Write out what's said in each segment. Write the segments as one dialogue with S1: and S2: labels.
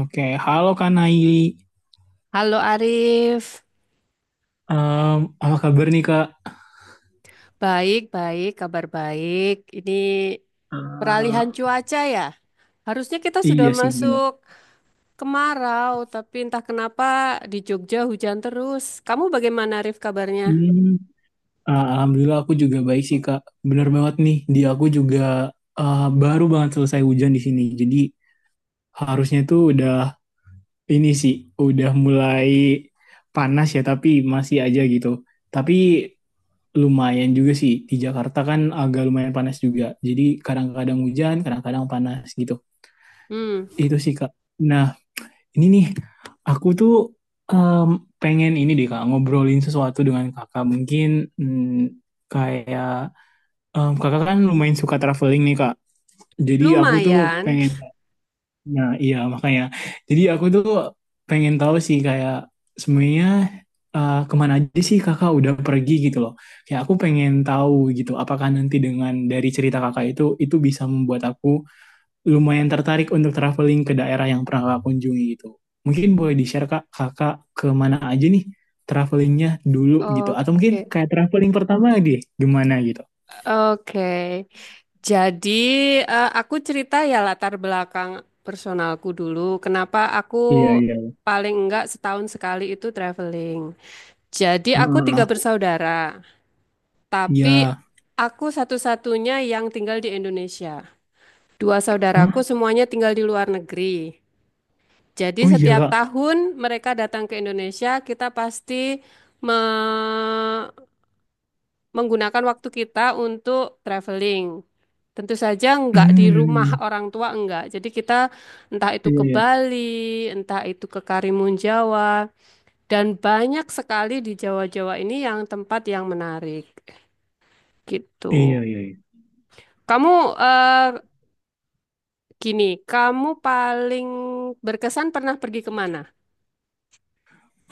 S1: Oke, halo Kak Nai.
S2: Halo Arif,
S1: Apa kabar nih, Kak?
S2: baik-baik, kabar baik. Ini
S1: Eh,
S2: peralihan cuaca ya. Harusnya kita sudah
S1: iya sih, benar.
S2: masuk kemarau, tapi entah kenapa di Jogja hujan terus. Kamu bagaimana Arif kabarnya?
S1: Hmm, Alhamdulillah aku juga baik sih, Kak. Bener banget nih, di aku juga baru banget selesai hujan di sini. Jadi harusnya tuh udah ini sih, udah mulai panas ya, tapi masih aja gitu. Tapi lumayan juga sih, di Jakarta kan agak lumayan panas juga. Jadi kadang-kadang hujan, kadang-kadang panas gitu.
S2: Hmm,
S1: Itu sih, Kak. Nah, ini nih, aku tuh em, pengen ini deh, Kak, ngobrolin sesuatu dengan Kakak. Mungkin mm, kayak Kakak kan lumayan suka traveling nih, Kak. Jadi aku tuh
S2: lumayan.
S1: pengen, nah iya makanya. Jadi aku tuh pengen tahu sih kayak sebenarnya kemana aja sih Kakak udah pergi gitu loh. Kayak aku pengen tahu gitu, apakah nanti dengan dari cerita Kakak itu bisa membuat aku lumayan tertarik untuk traveling ke daerah yang pernah kakak kunjungi gitu. Mungkin boleh di-share, Kak, kakak ke mana aja nih travelingnya dulu gitu. Atau
S2: Oke,
S1: mungkin kayak traveling pertama deh, gimana gitu.
S2: oke. Jadi aku cerita ya latar belakang personalku dulu. Kenapa aku
S1: Iya, iya.
S2: paling enggak setahun sekali itu traveling. Jadi aku tiga
S1: Heeh.
S2: bersaudara. Tapi
S1: Iya.
S2: aku satu-satunya yang tinggal di Indonesia. Dua saudaraku
S1: Hah?
S2: semuanya tinggal di luar negeri. Jadi
S1: Oh, iya,
S2: setiap
S1: Kak.
S2: tahun mereka datang ke Indonesia, kita pasti me- menggunakan waktu kita untuk traveling. Tentu saja enggak di rumah
S1: Hmm.
S2: orang tua enggak. Jadi kita entah itu
S1: Iya,
S2: ke
S1: iya.
S2: Bali, entah itu ke Karimun Jawa, dan banyak sekali di Jawa-Jawa ini yang tempat yang menarik
S1: Iya,
S2: gitu.
S1: iya, iya.
S2: Kamu eh, Gini, kamu paling berkesan pernah pergi kemana?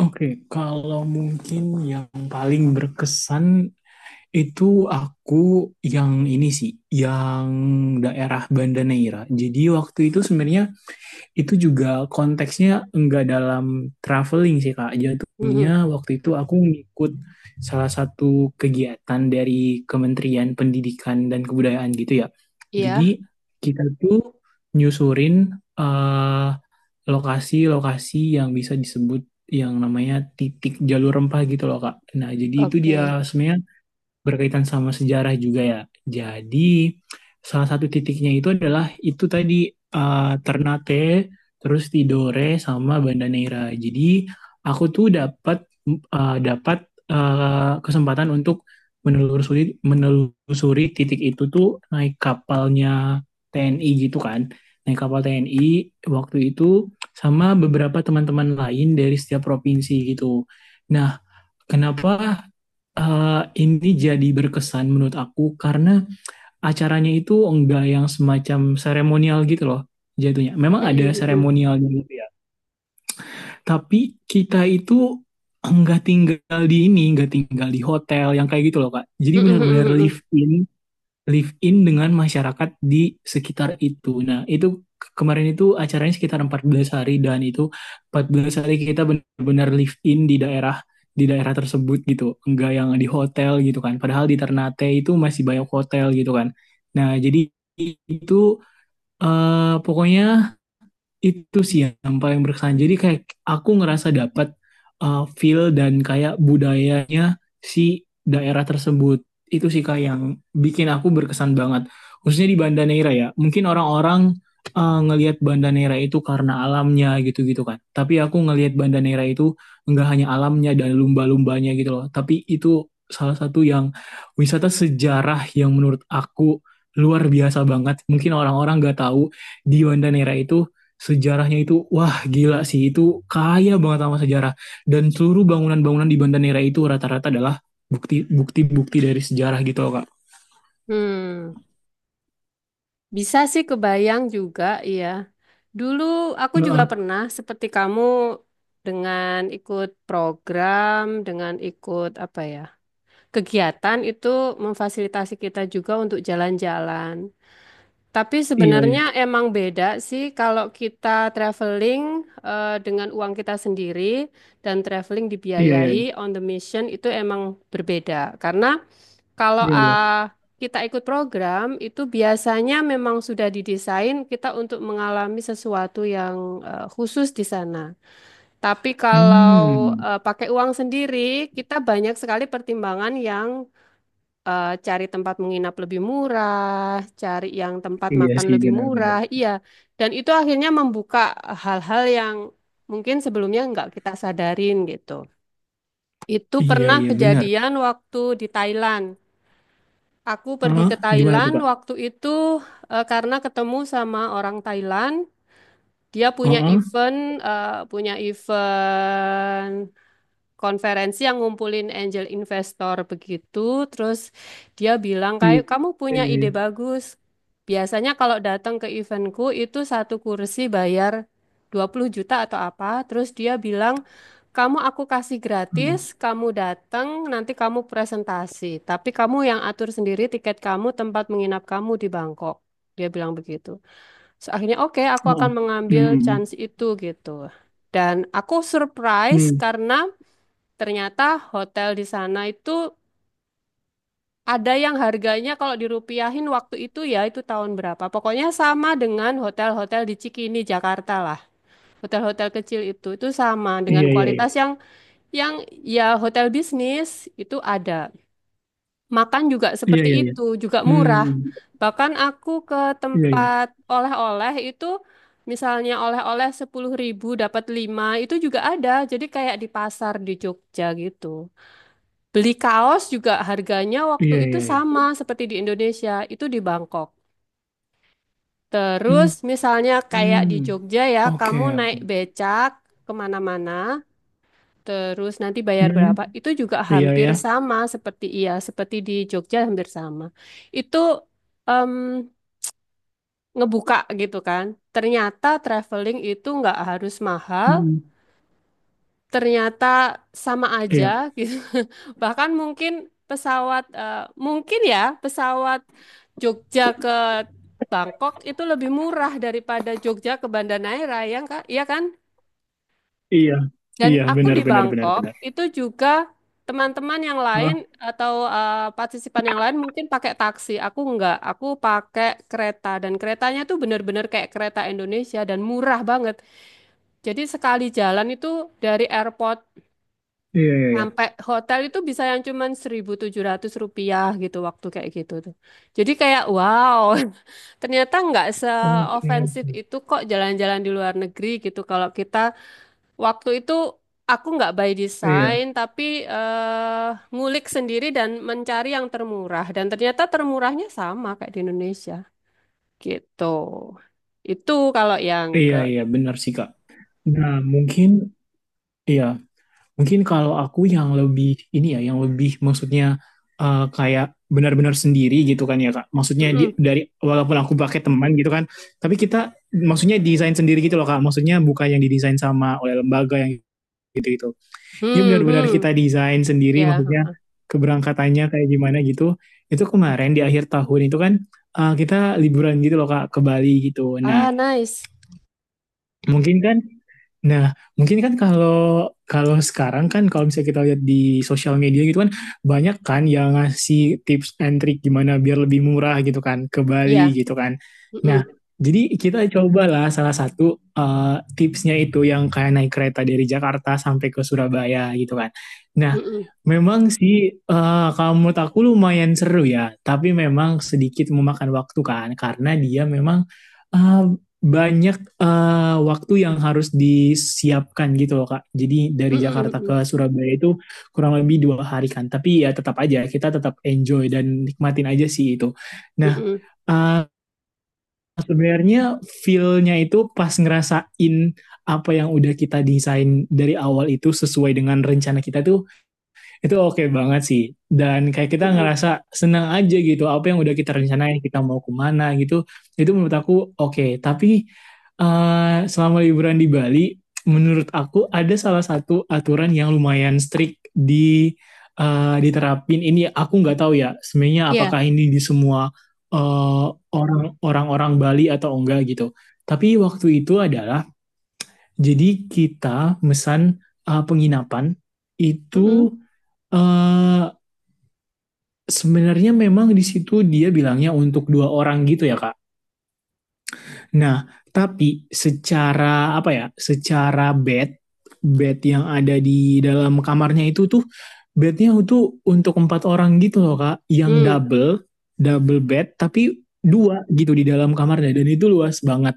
S1: Oke, kalau mungkin yang paling berkesan itu aku yang ini sih, yang daerah Banda Neira. Jadi waktu itu sebenarnya itu juga konteksnya enggak dalam traveling sih, Kak. Jatuhnya
S2: Mhm.
S1: waktu itu aku ngikut salah satu kegiatan dari Kementerian Pendidikan dan Kebudayaan gitu ya. Jadi
S2: Iya,
S1: kita tuh nyusurin eh, lokasi-lokasi yang bisa disebut yang namanya titik jalur rempah gitu loh, Kak. Nah, jadi itu dia
S2: oke.
S1: sebenarnya berkaitan sama sejarah juga ya. Jadi salah satu titiknya itu adalah itu tadi Ternate, terus Tidore sama Banda Neira. Jadi aku tuh dapat kesempatan untuk menelusuri menelusuri titik itu tuh naik kapalnya TNI gitu kan. Naik kapal TNI waktu itu sama beberapa teman-teman lain dari setiap provinsi gitu. Nah, kenapa ini jadi berkesan menurut aku karena acaranya itu enggak yang semacam seremonial gitu loh jatuhnya. Memang
S2: Mhm,
S1: ada
S2: mhm.
S1: seremonialnya gitu ya. Tapi kita itu enggak tinggal di ini, enggak tinggal di hotel yang kayak gitu loh, Kak. Jadi
S2: Mhm,
S1: benar-benar
S2: mhm,
S1: live
S2: mhm.
S1: in live in dengan masyarakat di sekitar itu. Nah, itu kemarin itu acaranya sekitar 14 hari dan itu 14 hari kita benar-benar live in di daerah tersebut gitu. Enggak yang di hotel gitu kan. Padahal di Ternate itu masih banyak hotel gitu kan. Nah, jadi itu pokoknya itu sih yang paling berkesan. Jadi kayak aku ngerasa dapat feel dan kayak budayanya si daerah tersebut. Itu sih kayak yang bikin aku berkesan banget. Khususnya di Banda Neira ya. Mungkin orang-orang ngelihat Banda Neira itu karena alamnya gitu-gitu kan. Tapi aku ngelihat Banda Neira itu nggak hanya alamnya dan lumba-lumbanya gitu loh. Tapi itu salah satu yang wisata sejarah yang menurut aku luar biasa banget. Mungkin orang-orang nggak tahu di Banda Neira itu sejarahnya itu, wah gila sih, itu kaya banget sama sejarah. Dan seluruh bangunan-bangunan di Bandanera itu rata-rata adalah bukti-bukti dari sejarah gitu loh, Kak.
S2: Hmm, Bisa sih kebayang juga, iya. Dulu aku juga
S1: Heeh,
S2: pernah seperti kamu dengan ikut program, dengan ikut apa ya, kegiatan itu memfasilitasi kita juga untuk jalan-jalan. Tapi
S1: iya, iya,
S2: sebenarnya emang beda sih kalau kita traveling dengan uang kita sendiri dan traveling
S1: iya, iya,
S2: dibiayai on the mission itu emang berbeda. Karena kalau
S1: iya, iya.
S2: kita ikut program itu biasanya memang sudah didesain kita untuk mengalami sesuatu yang khusus di sana. Tapi kalau
S1: Hmm,
S2: pakai uang sendiri, kita banyak sekali pertimbangan yang cari tempat menginap lebih murah, cari yang tempat
S1: iya
S2: makan
S1: sih,
S2: lebih
S1: benar-benar.
S2: murah, iya. Dan itu akhirnya membuka hal-hal yang mungkin sebelumnya nggak kita sadarin gitu. Itu
S1: Iya,
S2: pernah
S1: iya, benar.
S2: kejadian waktu di Thailand. Aku pergi
S1: Heeh,
S2: ke
S1: gimana tuh,
S2: Thailand
S1: Kak?
S2: waktu itu karena ketemu sama orang Thailand. Dia punya
S1: Heeh,
S2: event, eh, punya event konferensi yang ngumpulin angel investor begitu. Terus dia bilang
S1: iya,
S2: kayak kamu
S1: iya,
S2: punya ide
S1: iya.
S2: bagus. Biasanya kalau datang ke eventku itu satu kursi bayar 20 juta atau apa. Terus dia bilang kamu aku kasih
S1: Heeh,
S2: gratis, kamu datang, nanti kamu presentasi. Tapi kamu yang atur sendiri tiket kamu, tempat menginap kamu di Bangkok. Dia bilang begitu. So, akhirnya oke, aku
S1: heeh.
S2: akan
S1: Hmm,
S2: mengambil
S1: hmm,
S2: chance
S1: hmm.
S2: itu gitu. Dan aku surprise
S1: Hmm,
S2: karena ternyata hotel di sana itu ada yang harganya kalau dirupiahin waktu itu ya itu tahun berapa. Pokoknya sama dengan hotel-hotel di Cikini, Jakarta lah. Hotel-hotel kecil itu sama dengan
S1: iya, iya, iya.
S2: kualitas yang yang ya hotel bisnis itu ada. Makan juga
S1: Iya,
S2: seperti
S1: iya, iya.
S2: itu, juga
S1: Hmm, hmm,
S2: murah.
S1: hmm.
S2: Bahkan aku ke
S1: Iya, iya.
S2: tempat oleh-oleh itu misalnya oleh-oleh 10 ribu dapat 5 itu juga ada. Jadi kayak di pasar di Jogja gitu. Beli kaos juga harganya waktu
S1: Iya,
S2: itu
S1: iya, iya.
S2: sama seperti di Indonesia, itu di Bangkok. Terus
S1: Hmm,
S2: misalnya kayak di
S1: hmm.
S2: Jogja ya, kamu
S1: Oke, oke.
S2: naik becak kemana-mana, terus nanti
S1: Hmm,
S2: bayar
S1: hmm.
S2: berapa, itu juga
S1: Iya,
S2: hampir
S1: iya.
S2: sama seperti iya, seperti di Jogja hampir sama. Itu em, ngebuka gitu kan. Ternyata traveling itu nggak harus mahal,
S1: Hmm, hmm.
S2: ternyata sama aja
S1: Iya,
S2: gitu. Bahkan mungkin ya pesawat Jogja ke Bangkok itu lebih murah daripada Jogja ke Banda Neira ya Kak? Iya kan?
S1: iya,
S2: Dan
S1: iya,
S2: aku
S1: benar,
S2: di
S1: benar, benar, benar.
S2: Bangkok itu juga teman-teman yang lain
S1: Ah,
S2: atau partisipan yang lain mungkin pakai taksi. Aku enggak, aku pakai kereta dan keretanya tuh bener-bener kayak kereta Indonesia dan murah banget. Jadi sekali jalan itu dari airport
S1: iya, iya, iya.
S2: sampai hotel itu bisa yang cuman 1.700 rupiah gitu waktu kayak gitu tuh. Jadi kayak wow, ternyata nggak
S1: Oke,
S2: seofensif itu kok jalan-jalan di luar negeri gitu. Kalau kita waktu itu aku nggak by design
S1: iya,
S2: tapi ngulik sendiri dan mencari yang termurah. Dan ternyata termurahnya sama kayak di Indonesia gitu. Itu kalau yang ke...
S1: iya, iya, benar sih, Kak. Nah, mungkin, iya, mungkin kalau aku yang lebih, ini ya, yang lebih maksudnya kayak benar-benar sendiri gitu kan ya, Kak. Maksudnya di,
S2: Mm-mm.
S1: dari, walaupun aku pakai teman gitu kan, tapi kita, maksudnya desain sendiri gitu loh, Kak. Maksudnya bukan yang didesain sama oleh lembaga yang gitu-gitu. Ini
S2: Hmm,
S1: benar-benar
S2: hmm.
S1: kita desain sendiri
S2: Ya.
S1: maksudnya
S2: Hmm.
S1: keberangkatannya kayak gimana gitu. Itu kemarin di akhir tahun itu kan kita liburan gitu loh, Kak, ke Bali gitu. Nah,
S2: Ah, nice.
S1: mungkin kan kalau kalau sekarang kan kalau misalnya kita lihat di sosial media gitu kan banyak kan yang ngasih tips and trick gimana biar lebih murah gitu kan ke Bali
S2: Ya.
S1: gitu kan. Nah,
S2: Mm-mm.
S1: jadi kita cobalah salah satu tipsnya itu yang kayak naik kereta dari Jakarta sampai ke Surabaya gitu kan. Nah,
S2: Mm-mm.
S1: memang sih kalau menurut aku lumayan seru ya, tapi memang sedikit memakan waktu kan karena dia memang eh, banyak waktu yang harus disiapkan gitu loh, Kak. Jadi dari
S2: Mhm,
S1: Jakarta ke
S2: mhm,
S1: Surabaya itu kurang lebih 2 hari kan. Tapi ya tetap aja kita tetap enjoy dan nikmatin aja sih itu. Nah,
S2: mhm,
S1: eh, sebenarnya feel-nya itu pas ngerasain apa yang udah kita desain dari awal itu sesuai dengan rencana kita tuh itu oke banget sih. Dan kayak kita
S2: mhm.
S1: ngerasa senang aja gitu. Apa yang udah kita rencanain, kita mau kemana gitu. Itu menurut aku oke. Tapi selama liburan di Bali, menurut aku ada salah satu aturan yang lumayan strict di diterapin. Ini aku nggak tahu ya. Sebenarnya
S2: Iya.
S1: apakah ini di semua eh, orang-orang Bali atau enggak gitu. Tapi waktu itu adalah jadi kita mesan penginapan
S2: Mhm.
S1: itu eh, sebenarnya memang di situ dia bilangnya untuk dua orang gitu ya, Kak. Nah, tapi secara apa ya? Secara bed yang ada di dalam kamarnya itu tuh bednya itu untuk empat orang gitu loh, Kak, yang
S2: Mhm.
S1: double bed, tapi dua gitu di dalam kamarnya dan itu luas banget.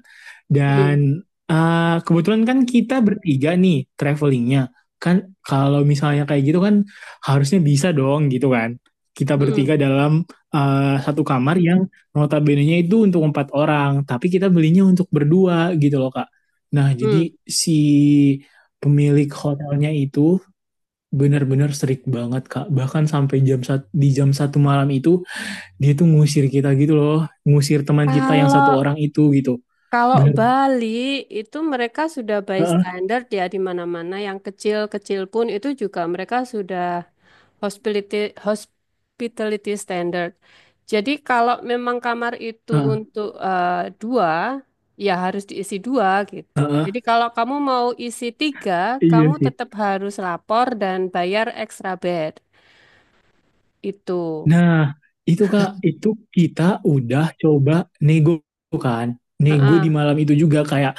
S2: Mhm.
S1: Dan kebetulan kan kita bertiga nih travelingnya, kan kalau misalnya kayak gitu kan harusnya bisa dong gitu kan. Kita
S2: Mhm.
S1: bertiga dalam satu kamar yang notabene-nya itu untuk empat orang, tapi kita belinya untuk berdua gitu loh, Kak. Nah,
S2: Mhm.
S1: jadi si pemilik hotelnya itu benar-benar strict banget, Kak. Bahkan sampai jam satu malam itu dia tuh ngusir kita gitu loh, ngusir teman kita yang satu orang
S2: Kalau
S1: itu gitu.
S2: kalau
S1: Bener.
S2: Bali itu mereka sudah by
S1: Heeh,
S2: standard ya di mana-mana yang kecil-kecil pun itu juga mereka sudah hospitality hospitality standard. Jadi kalau memang kamar itu
S1: heeh,
S2: untuk dua ya harus diisi dua gitu.
S1: heeh.
S2: Jadi kalau kamu mau isi tiga,
S1: Iya
S2: kamu
S1: sih.
S2: tetap harus lapor dan bayar extra bed itu.
S1: Nah, itu, Kak, itu kita udah coba nego kan. Nego
S2: Heeh.
S1: di malam itu juga kayak,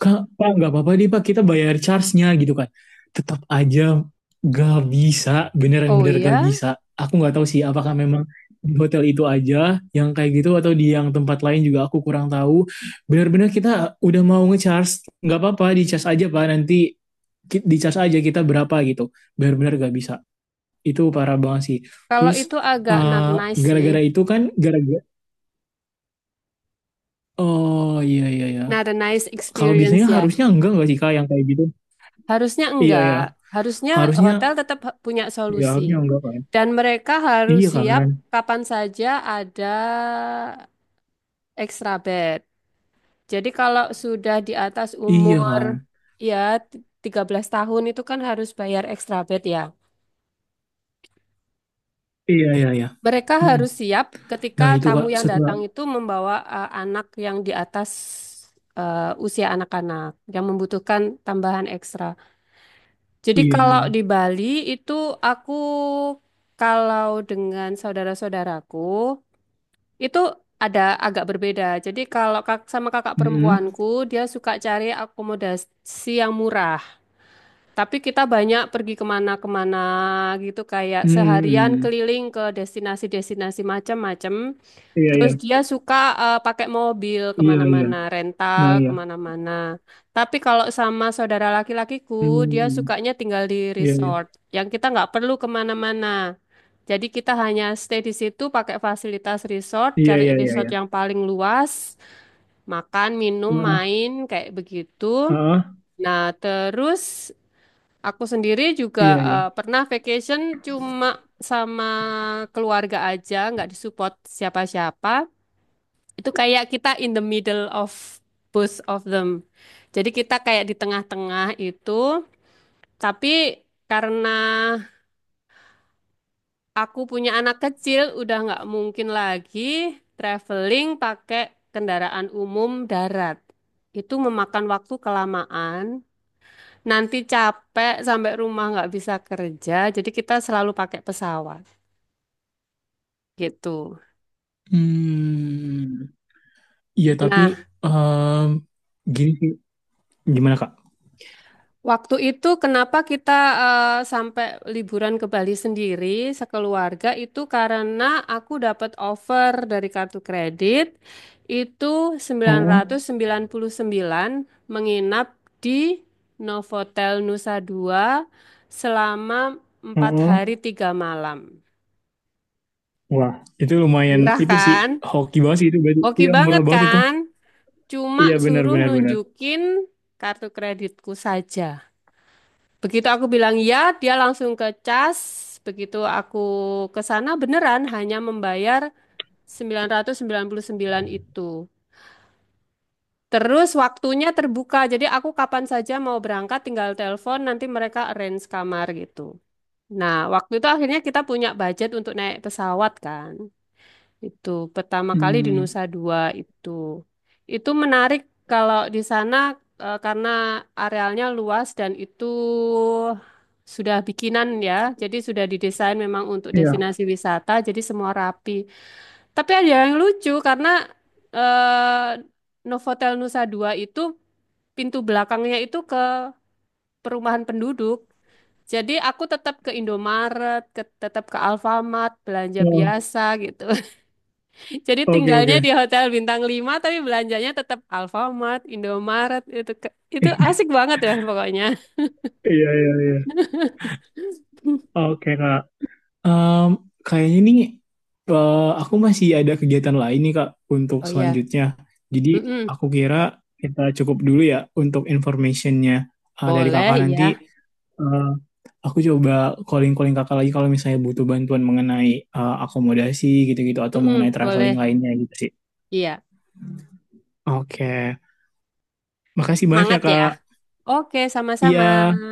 S1: Kak, Pak, nggak apa-apa deh, Pak, kita bayar charge-nya gitu kan. Tetap aja gak bisa,
S2: Oh
S1: beneran-bener gak
S2: iya,
S1: bisa. Aku nggak tahu sih apakah memang di hotel itu aja yang kayak gitu atau di yang tempat lain juga aku kurang tahu. Bener-bener kita udah mau nge-charge, nggak apa-apa di charge aja, Pak, nanti di charge aja kita berapa gitu. Bener-bener gak bisa itu parah banget sih.
S2: kalau
S1: Terus
S2: itu agak not
S1: eh,
S2: nice sih.
S1: gara-gara itu kan gara-gara oh iya iya iya.
S2: Not a nice
S1: Kalau biasanya
S2: experience ya.
S1: harusnya enggak sih, Kak, yang kayak gitu?
S2: Harusnya
S1: Iya
S2: enggak.
S1: ya.
S2: Harusnya
S1: Harusnya
S2: hotel tetap punya
S1: ya harusnya
S2: solusi.
S1: enggak kan.
S2: Dan mereka harus
S1: Iya
S2: siap
S1: kan?
S2: kapan saja ada extra bed. Jadi kalau sudah di atas
S1: Iya
S2: umur
S1: kan?
S2: ya 13 tahun itu kan harus bayar extra bed ya.
S1: Iya, iya, iya.
S2: Mereka
S1: Mm-mm.
S2: harus siap ketika
S1: Nah, itu,
S2: tamu
S1: Kak,
S2: yang
S1: setelah
S2: datang itu membawa anak yang di atas usia anak-anak yang membutuhkan tambahan ekstra. Jadi
S1: iya, iya.
S2: kalau di Bali itu aku kalau dengan saudara-saudaraku itu ada agak berbeda. Jadi kalau sama kakak
S1: Mm-mm.
S2: perempuanku dia suka cari akomodasi yang murah. Tapi kita banyak pergi kemana-kemana gitu kayak seharian
S1: Mm-mm.
S2: keliling ke destinasi-destinasi macam-macam.
S1: Iya, iya.
S2: Terus dia suka pakai mobil
S1: Iya, iya.
S2: kemana-mana,
S1: Nah,
S2: rental
S1: iya.
S2: kemana-mana. Tapi kalau sama saudara laki-lakiku, dia
S1: Mm-mm.
S2: sukanya tinggal di
S1: Iya, iya.
S2: resort, yang kita nggak perlu kemana-mana. Jadi kita hanya stay di situ pakai fasilitas resort,
S1: Iya,
S2: cari
S1: iya, iya,
S2: resort
S1: iya.
S2: yang paling luas, makan, minum,
S1: Heeh.
S2: main, kayak begitu.
S1: Heeh.
S2: Nah, terus aku sendiri juga
S1: Iya, iya.
S2: pernah vacation cuma sama keluarga aja, nggak disupport siapa-siapa. Itu kayak kita in the middle of both of them. Jadi kita kayak di tengah-tengah itu, tapi karena aku punya anak kecil, udah nggak mungkin lagi traveling pakai kendaraan umum darat. Itu memakan waktu kelamaan, nanti capek sampai rumah nggak bisa kerja, jadi kita selalu pakai pesawat gitu.
S1: Hmm. Iya tapi
S2: Nah,
S1: em, gini sih. Gimana, Kak?
S2: waktu itu kenapa kita sampai liburan ke Bali sendiri sekeluarga itu karena aku dapat offer dari kartu kredit itu
S1: Heeh,
S2: 999 menginap di Novotel Nusa Dua selama empat
S1: heeh.
S2: hari tiga malam.
S1: Wah, itu lumayan,
S2: Murah
S1: itu sih
S2: kan?
S1: hoki banget sih itu berarti.
S2: Oke
S1: Iya murah
S2: banget
S1: banget itu.
S2: kan? Cuma
S1: Iya, benar,
S2: suruh
S1: benar, benar.
S2: nunjukin kartu kreditku saja. Begitu aku bilang ya, dia langsung ke cas. Begitu aku ke sana beneran hanya membayar 999 itu. Terus waktunya terbuka, jadi aku kapan saja mau berangkat tinggal telepon, nanti mereka arrange kamar gitu. Nah, waktu itu akhirnya kita punya budget untuk naik pesawat kan. Itu pertama kali di Nusa
S1: Hmm,
S2: Dua itu. Itu menarik kalau di sana karena arealnya luas dan itu sudah bikinan ya. Jadi sudah didesain memang untuk
S1: iya.
S2: destinasi wisata, jadi semua rapi. Tapi ada yang lucu karena eh, Novotel Nusa Dua itu pintu belakangnya itu ke perumahan penduduk. Jadi aku tetap ke Indomaret, tetap ke Alfamart, belanja
S1: Oh,
S2: biasa gitu. Jadi
S1: oke,
S2: tinggalnya
S1: oke.
S2: di hotel bintang 5, tapi belanjanya tetap Alfamart, Indomaret itu asik banget ya pokoknya.
S1: Iya, iya, iya. Oke, Kak. Em, Kayaknya nih aku masih ada kegiatan lain nih, Kak, untuk
S2: Oh iya.
S1: selanjutnya. Jadi
S2: Mm-mm.
S1: aku kira kita cukup dulu ya untuk informationnya dari
S2: Boleh
S1: Kakak nanti
S2: ya.
S1: eh, aku coba calling-calling kakak lagi kalau misalnya butuh bantuan mengenai akomodasi gitu-gitu atau mengenai
S2: Mm-mm.
S1: traveling
S2: Boleh.
S1: lainnya gitu sih.
S2: Iya.
S1: Oke, makasih banyak ya,
S2: Semangat ya.
S1: Kak.
S2: Oke, sama-sama.
S1: Iya.